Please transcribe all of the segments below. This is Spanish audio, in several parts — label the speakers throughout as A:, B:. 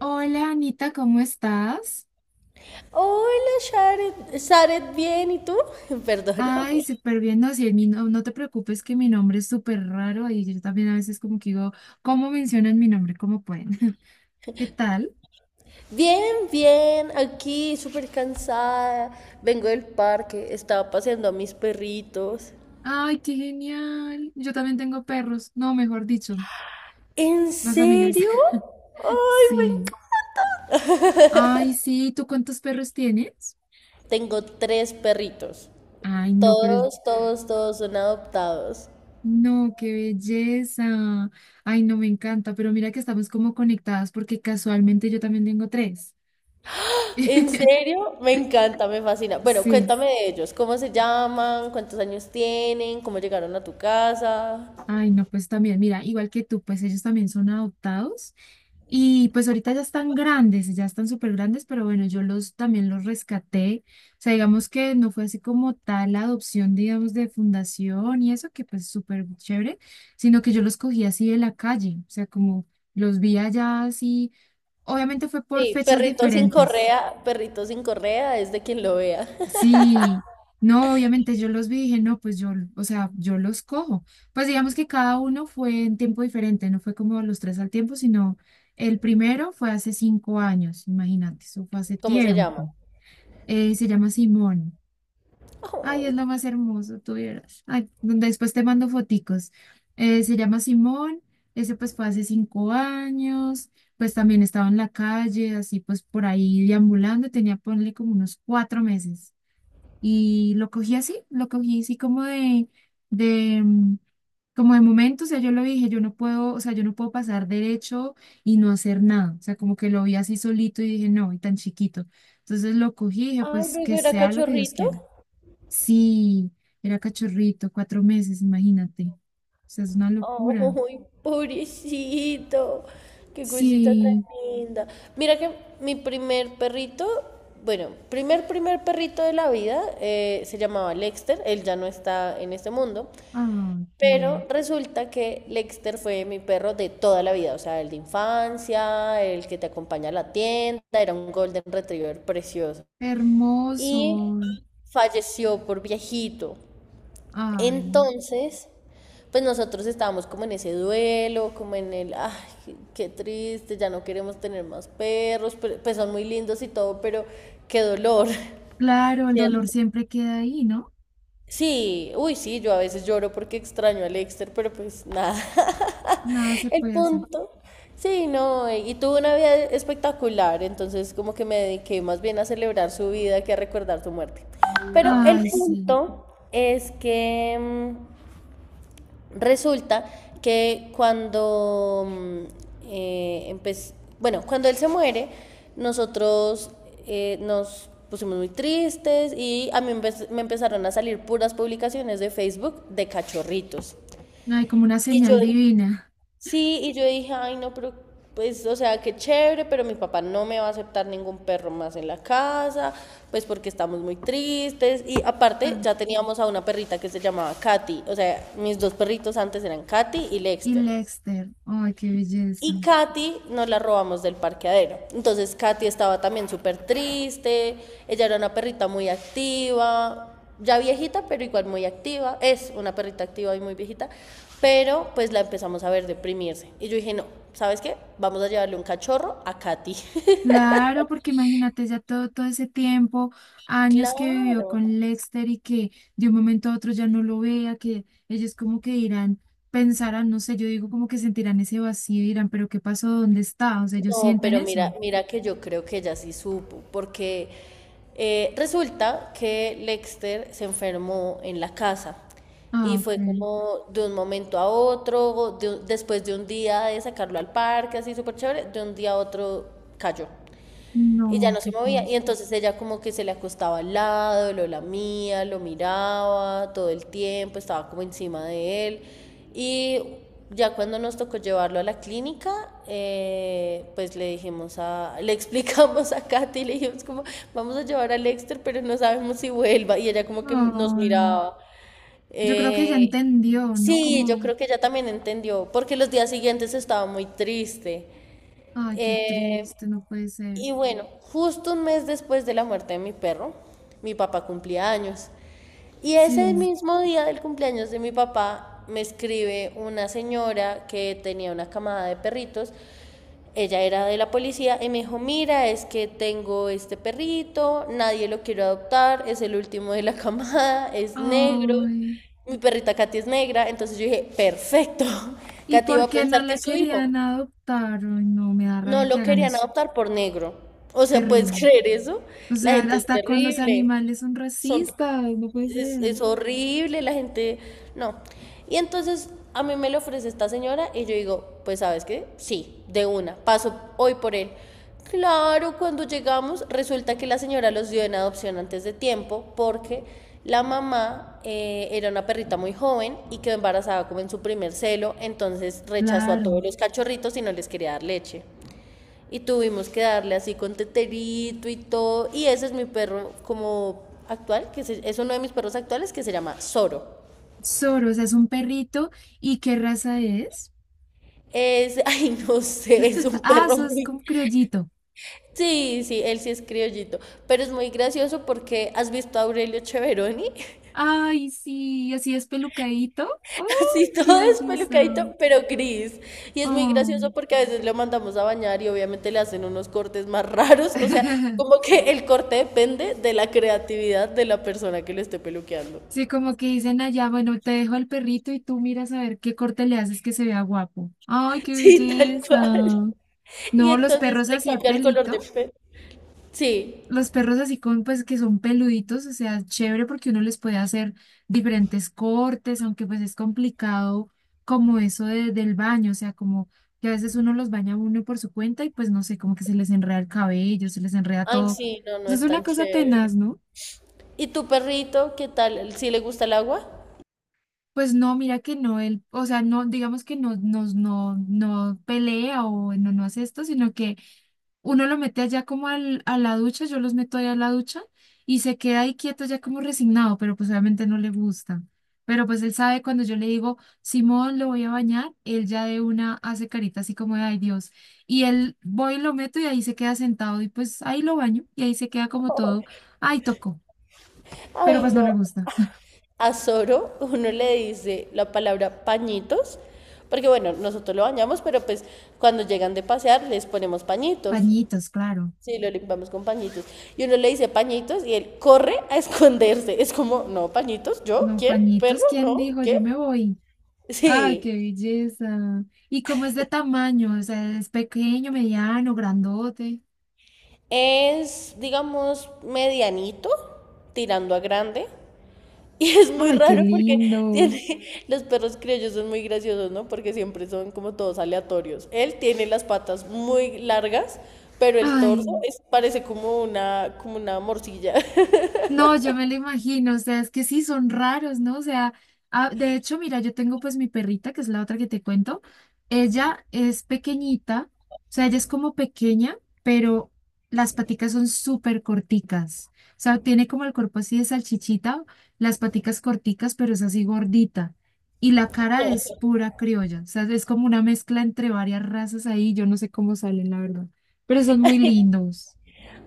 A: Hola Anita, ¿cómo estás?
B: Hola, Sharet. Sharet, bien, ¿y tú?
A: Ay,
B: Perdóname.
A: súper bien. No, sí, mi no, no te preocupes que mi nombre es súper raro y yo también a veces como que digo, ¿cómo mencionan mi nombre? ¿Cómo pueden? ¿Qué tal?
B: Bien, bien, aquí súper cansada. Vengo del parque, estaba paseando a mis perritos.
A: Ay, qué genial. Yo también tengo perros. No, mejor dicho,
B: ¿En
A: más amigas.
B: serio? ¡Ay, me
A: Sí.
B: encanta!
A: Ay, sí, ¿tú cuántos perros tienes?
B: Tengo tres perritos.
A: Ay, no, pero es-
B: Todos, todos, todos son adoptados.
A: No, qué belleza. Ay, no, me encanta, pero mira que estamos como conectadas porque casualmente yo también tengo tres.
B: ¿En serio? Me encanta, me fascina. Bueno,
A: Sí.
B: cuéntame de ellos. ¿Cómo se llaman? ¿Cuántos años tienen? ¿Cómo llegaron a tu casa?
A: Ay, no, pues también, mira, igual que tú, pues ellos también son adoptados y pues ahorita ya están grandes, ya están súper grandes, pero bueno, yo los también los rescaté. O sea, digamos que no fue así como tal la adopción, digamos, de fundación y eso, que pues súper chévere, sino que yo los cogí así de la calle, o sea, como los vi allá así, obviamente fue por
B: Sí,
A: fechas diferentes.
B: perrito sin correa es de quien lo vea.
A: Sí, no, obviamente yo los vi y dije, no, pues yo, o sea, yo los cojo. Pues digamos que cada uno fue en tiempo diferente, no fue como los tres al tiempo, sino el primero fue hace 5 años, imagínate, eso fue hace
B: ¿Cómo se llama?
A: tiempo. Se llama Simón. Ay,
B: Ay,
A: es lo más hermoso, tú vieras. Ay, después te mando foticos. Se llama Simón, ese pues fue hace 5 años, pues también estaba en la calle, así pues por ahí deambulando, tenía, ponle como unos 4 meses. Y lo cogí así como de, mm, como de momento, o sea, yo lo dije, yo no puedo, o sea, yo no puedo pasar derecho y no hacer nada, o sea, como que lo vi así solito y dije, no, y tan chiquito. Entonces lo cogí y dije,
B: ay,
A: pues
B: luego
A: que
B: era
A: sea lo que Dios
B: cachorrito.
A: quiera. Sí, era cachorrito, 4 meses, imagínate. O sea, es una locura.
B: Ay, pobrecito. Qué cosita tan
A: Sí,
B: linda. Mira que mi primer perrito, bueno, primer perrito de la vida se llamaba Lexter. Él ya no está en este mundo.
A: ay,
B: Pero
A: qué
B: resulta que Lexter fue mi perro de toda la vida, o sea, el de infancia, el que te acompaña a la tienda, era un golden retriever precioso. Y
A: hermoso.
B: falleció por viejito.
A: Ay,
B: Entonces, pues nosotros estábamos como en ese duelo, como en el, ay, qué triste, ya no queremos tener más perros, pues son muy lindos y todo, pero qué dolor,
A: claro, el dolor
B: ¿cierto?
A: siempre queda ahí, ¿no?
B: Sí, uy, sí, yo a veces lloro porque extraño a Lexter, pero pues nada.
A: Nada se
B: El
A: puede hacer.
B: punto. Sí, no, y tuvo una vida espectacular, entonces como que me dediqué más bien a celebrar su vida que a recordar su muerte. Pero el
A: Ay, sí.
B: punto es que resulta que cuando eh, empe- bueno, cuando él se muere, nosotros nos pusimos muy tristes y a mí me empezaron a salir puras publicaciones de Facebook de cachorritos.
A: Ay, como una
B: Y yo
A: señal divina.
B: Sí, y yo dije, ay, no, pero pues, o sea, qué chévere, pero mi papá no me va a aceptar ningún perro más en la casa, pues porque estamos muy tristes. Y aparte,
A: Ah.
B: ya teníamos a una perrita que se llamaba Katy. O sea, mis dos perritos antes eran Katy y
A: Y
B: Lexter.
A: Lexter. Ay, qué belleza.
B: Y Katy nos la robamos del parqueadero. Entonces Katy estaba también súper triste, ella era una perrita muy activa, ya viejita, pero igual muy activa, es una perrita activa y muy viejita, pero pues la empezamos a ver deprimirse. Y yo dije, no, ¿sabes qué? Vamos a llevarle un cachorro a Katy.
A: Claro, porque imagínate ya todo, todo ese tiempo, años que vivió
B: Claro.
A: con Lexter y que de un momento a otro ya no lo vea, que ellos como que dirán, pensarán, no sé, yo digo como que sentirán ese vacío y dirán, pero ¿qué pasó? ¿Dónde está? O sea, ellos
B: No,
A: sienten
B: pero mira,
A: eso.
B: mira que yo creo que ella sí supo, porque resulta que Lexter se enfermó en la casa y
A: Ah, ok.
B: fue como de un momento a otro, después de un día de sacarlo al parque, así súper chévere, de un día a otro cayó. Y ya
A: No,
B: no se
A: qué
B: movía. Y
A: cosa.
B: entonces ella como que se le acostaba al lado, lo lamía, lo miraba todo el tiempo, estaba como encima de él. Y ya cuando nos tocó llevarlo a la clínica, pues le dijimos le explicamos a Katy, le dijimos como, vamos a llevar a Lexter, pero no sabemos si vuelva. Y ella como que nos
A: Ay,
B: miraba.
A: yo creo que ya
B: Eh,
A: entendió, ¿no?
B: sí, yo
A: Como,
B: creo que ella también entendió, porque los días siguientes estaba muy triste.
A: ay, qué
B: Eh,
A: triste, no puede ser.
B: y bueno, justo un mes después de la muerte de mi perro, mi papá cumplía años. Y ese
A: Sí.
B: mismo día del cumpleaños de mi papá me escribe una señora que tenía una camada de perritos. Ella era de la policía y me dijo, mira, es que tengo este perrito, nadie lo quiere adoptar, es el último de la camada, es negro,
A: Ay,
B: mi perrita Katy es negra. Entonces yo dije, perfecto,
A: ¿y
B: Katy va a
A: por qué
B: pensar
A: no
B: que
A: la
B: es su hijo.
A: querían adoptar? Ay, no, me da
B: No
A: rabia que
B: lo
A: hagan
B: querían
A: eso.
B: adoptar por negro. O sea, ¿puedes
A: Terrible.
B: creer eso?
A: O
B: La
A: sea,
B: gente es
A: hasta con los
B: terrible.
A: animales son
B: Son,
A: racistas, no puede
B: es,
A: ser.
B: es horrible, la gente... No. Y entonces a mí me lo ofrece esta señora y yo digo, pues sabes qué, sí, de una, paso hoy por él. Claro, cuando llegamos resulta que la señora los dio en adopción antes de tiempo porque la mamá era una perrita muy joven y quedó embarazada como en su primer celo, entonces rechazó a todos
A: Claro.
B: los cachorritos y no les quería dar leche. Y tuvimos que darle así con teterito y todo. Y ese es mi perro como actual, que es uno de mis perros actuales que se llama Zoro.
A: Soros o sea, es un perrito. ¿Y qué raza es?
B: Es, ay, no sé, es un
A: Ah,
B: perro
A: sos
B: muy...
A: como criollito.
B: Sí, sí, él sí es criollito, pero es muy gracioso porque has visto a Aurelio Cheveroni,
A: Ay, sí, así es pelucadito. Ay,
B: así
A: qué
B: todo
A: belleza.
B: despelucadito, pero gris. Y es muy gracioso
A: Oh.
B: porque a veces lo mandamos a bañar y obviamente le hacen unos cortes más raros, o sea, como que el corte depende de la creatividad de la persona que lo esté peluqueando.
A: Sí, como que dicen allá, bueno, te dejo al perrito y tú miras a ver qué corte le haces que se vea guapo. ¡Ay, qué
B: Sí, tal
A: belleza!
B: cual. Y
A: No, los
B: entonces
A: perros
B: le
A: así de
B: cambia el color de
A: pelito,
B: pelo. Sí.
A: los perros así con, pues, que son peluditos, o sea, chévere porque uno les puede hacer diferentes cortes, aunque pues es complicado como del baño, o sea, como que a veces uno los baña uno por su cuenta y pues no sé, como que se les enreda el cabello, se les enreda
B: Ay,
A: todo.
B: sí, no, no
A: Eso es
B: es
A: una
B: tan
A: cosa
B: chévere.
A: tenaz, ¿no?
B: ¿Y tu perrito, qué tal? ¿Sí le gusta el agua?
A: Pues no, mira que no, él, o sea, no, digamos que no, nos no, no pelea o no, no hace esto, sino que uno lo mete allá como a la ducha, yo los meto allá a la ducha y se queda ahí quieto ya como resignado, pero pues obviamente no le gusta. Pero pues él sabe cuando yo le digo, Simón, lo voy a bañar, él ya de una hace carita así como de, ay Dios. Y él voy y lo meto y ahí se queda sentado y pues ahí lo baño y ahí se queda como todo, ay tocó, pero
B: Ay,
A: pues no
B: no.
A: le gusta.
B: A Zoro uno le dice la palabra pañitos, porque bueno, nosotros lo bañamos, pero pues cuando llegan de pasear les ponemos pañitos.
A: Pañitos, claro.
B: Sí, lo limpiamos con pañitos. Y uno le dice pañitos y él corre a esconderse. Es como, no, pañitos, ¿yo?
A: No,
B: ¿Quién? ¿Perro?
A: pañitos, ¿quién
B: ¿No?
A: dijo? Yo
B: ¿Qué?
A: me voy. Ay,
B: Sí.
A: qué belleza. ¿Y cómo es de tamaño? O sea, ¿es pequeño, mediano, grandote?
B: Es, digamos, medianito, tirando a grande. Y es muy
A: Ay, qué
B: raro porque
A: lindo.
B: tiene, los perros criollos son muy graciosos, ¿no? Porque siempre son como todos aleatorios. Él tiene las patas muy largas, pero el torso
A: Ay.
B: es, parece como una morcilla.
A: No, yo me lo imagino, o sea, es que sí, son raros, ¿no? O sea, ah, de hecho, mira, yo tengo pues mi perrita, que es la otra que te cuento, ella es pequeñita, o sea, ella es como pequeña, pero las paticas son súper corticas, o sea, tiene como el cuerpo así de salchichita, las paticas corticas, pero es así gordita, y la cara es pura criolla, o sea, es como una mezcla entre varias razas ahí, yo no sé cómo salen, la verdad, pero son muy lindos.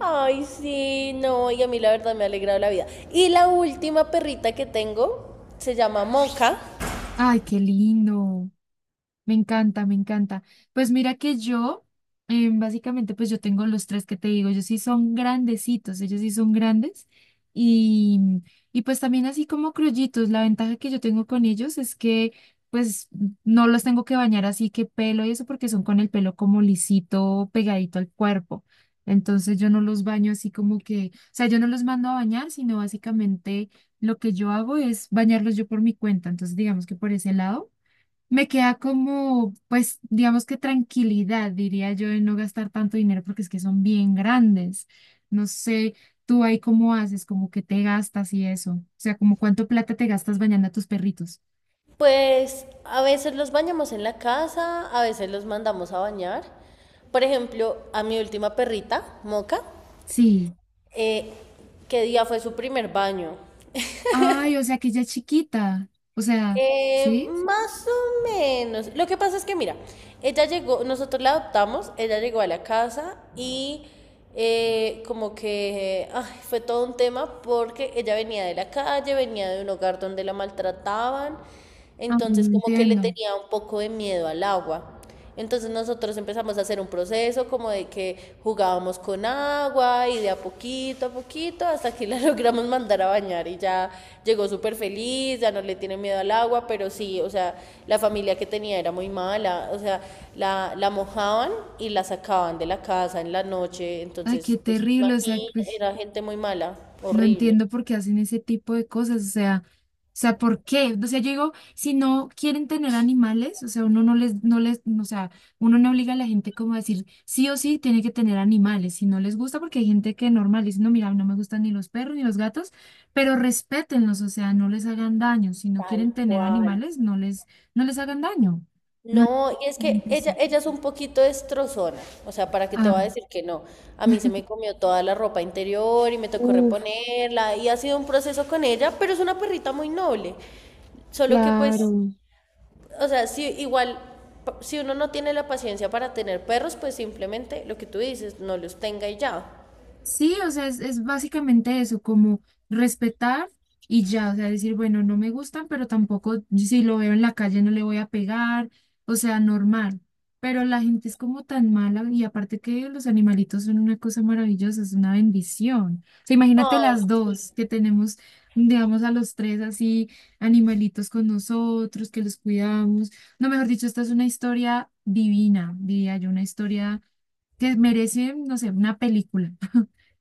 B: Ay, sí, no, y a mí la verdad me ha alegrado la vida. Y la última perrita que tengo se llama Mocha.
A: Ay, qué lindo. Me encanta, me encanta. Pues mira que yo, básicamente, pues yo tengo los tres que te digo, ellos sí son grandecitos, ellos sí son grandes y, y pues también así como criollitos, la ventaja que yo tengo con ellos es que pues no los tengo que bañar así que pelo y eso porque son con el pelo como lisito, pegadito al cuerpo. Entonces yo no los baño así como que, o sea, yo no los mando a bañar, sino básicamente lo que yo hago es bañarlos yo por mi cuenta. Entonces digamos que por ese lado. Me queda como, pues, digamos que tranquilidad, diría yo, de no gastar tanto dinero porque es que son bien grandes. No sé, tú ahí cómo haces, como que te gastas y eso. O sea, como cuánto plata te gastas bañando a tus perritos.
B: Pues a veces los bañamos en la casa, a veces los mandamos a bañar. Por ejemplo, a mi última perrita, Moca,
A: Sí.
B: eh, ¿qué día fue su primer baño?
A: Ay, o sea, que ella es chiquita. O sea, ¿sí?
B: Más o menos. Lo que pasa es que, mira, ella llegó, nosotros la adoptamos, ella llegó a la casa y como que ay, fue todo un tema porque ella venía de la calle, venía de un hogar donde la maltrataban,
A: Ay,
B: entonces
A: no
B: como que le
A: entiendo.
B: tenía un poco de miedo al agua. Entonces nosotros empezamos a hacer un proceso como de que jugábamos con agua y de a poquito hasta que la logramos mandar a bañar y ya llegó súper feliz, ya no le tiene miedo al agua, pero sí, o sea, la familia que tenía era muy mala, o sea, la mojaban y la sacaban de la casa en la noche,
A: Ay,
B: entonces,
A: qué
B: pues
A: terrible. O sea,
B: imagina,
A: que...
B: era gente muy mala,
A: No
B: horrible.
A: entiendo por qué hacen ese tipo de cosas, o sea, ¿por qué? O sea, yo digo, si no quieren tener animales, o sea, uno no les, no les, o sea, uno no obliga a la gente como a decir, sí o sí tiene que tener animales, si no les gusta, porque hay gente que normal dice, no, mira, no me gustan ni los perros ni los gatos, pero respétenlos, o sea, no les hagan daño, si no
B: Tal
A: quieren tener
B: cual.
A: animales, no les hagan daño. No, entiendo
B: No, y es
A: a la
B: que
A: gente
B: ella,
A: así.
B: ella es un poquito destrozona, o sea, ¿para qué te va a
A: Ah,
B: decir que no? A mí se me comió toda la ropa interior y me tocó
A: Uf,
B: reponerla y ha sido un proceso con ella, pero es una perrita muy noble. Solo que pues,
A: claro.
B: o sea, si igual, si uno no tiene la paciencia para tener perros, pues simplemente lo que tú dices, no los tenga y ya.
A: Sí, o sea, es básicamente eso, como respetar y ya, o sea, decir, bueno, no me gustan, pero tampoco si lo veo en la calle no le voy a pegar, o sea, normal. Pero la gente es como tan mala y aparte que los animalitos son una cosa maravillosa, es una bendición. O sea, imagínate
B: Ay,
A: las
B: sí.
A: dos que tenemos, digamos, a los tres así, animalitos con nosotros, que los cuidamos. No, mejor dicho, esta es una historia divina, diría yo, una historia que merece, no sé, una película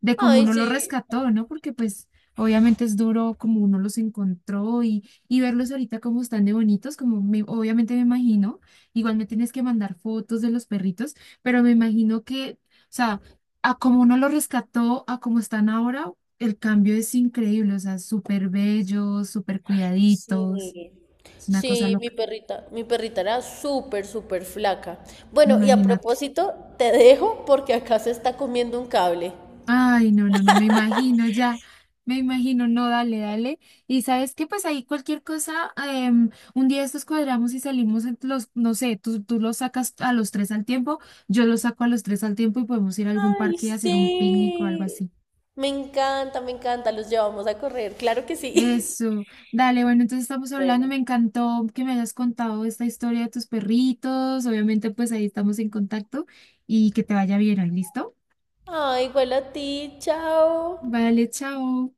A: de cómo
B: Ay,
A: uno
B: sí.
A: los rescató, ¿no? Porque pues obviamente es duro como uno los encontró y verlos ahorita como están de bonitos, como me- obviamente me imagino, igual me tienes que mandar fotos de los perritos, pero me imagino que, o sea, a como uno los rescató, a como están ahora, el cambio es increíble, o sea, súper bellos, súper cuidaditos,
B: Sí,
A: es una cosa
B: sí, mi
A: loca,
B: perrita, mi perrita era súper, súper flaca. Bueno, y a
A: imagínate.
B: propósito, te dejo porque acá se está comiendo un cable.
A: Ay, no, no, no, me imagino ya, me imagino, no, dale, dale. Y sabes que pues ahí cualquier cosa, em, un día estos cuadramos y salimos en los, no sé, tú los sacas a los tres al tiempo, yo los saco a los tres al tiempo y podemos ir a algún
B: Ay,
A: parque y hacer un picnic o algo
B: sí.
A: así.
B: Me encanta, me encanta. Los llevamos a correr, claro que sí.
A: Eso, dale, bueno, entonces estamos hablando,
B: Bueno.
A: me encantó que me hayas contado esta historia de tus perritos, obviamente pues ahí estamos en contacto y que te vaya bien, ¿listo?
B: Ay, igual a ti, chao.
A: Vale, chao.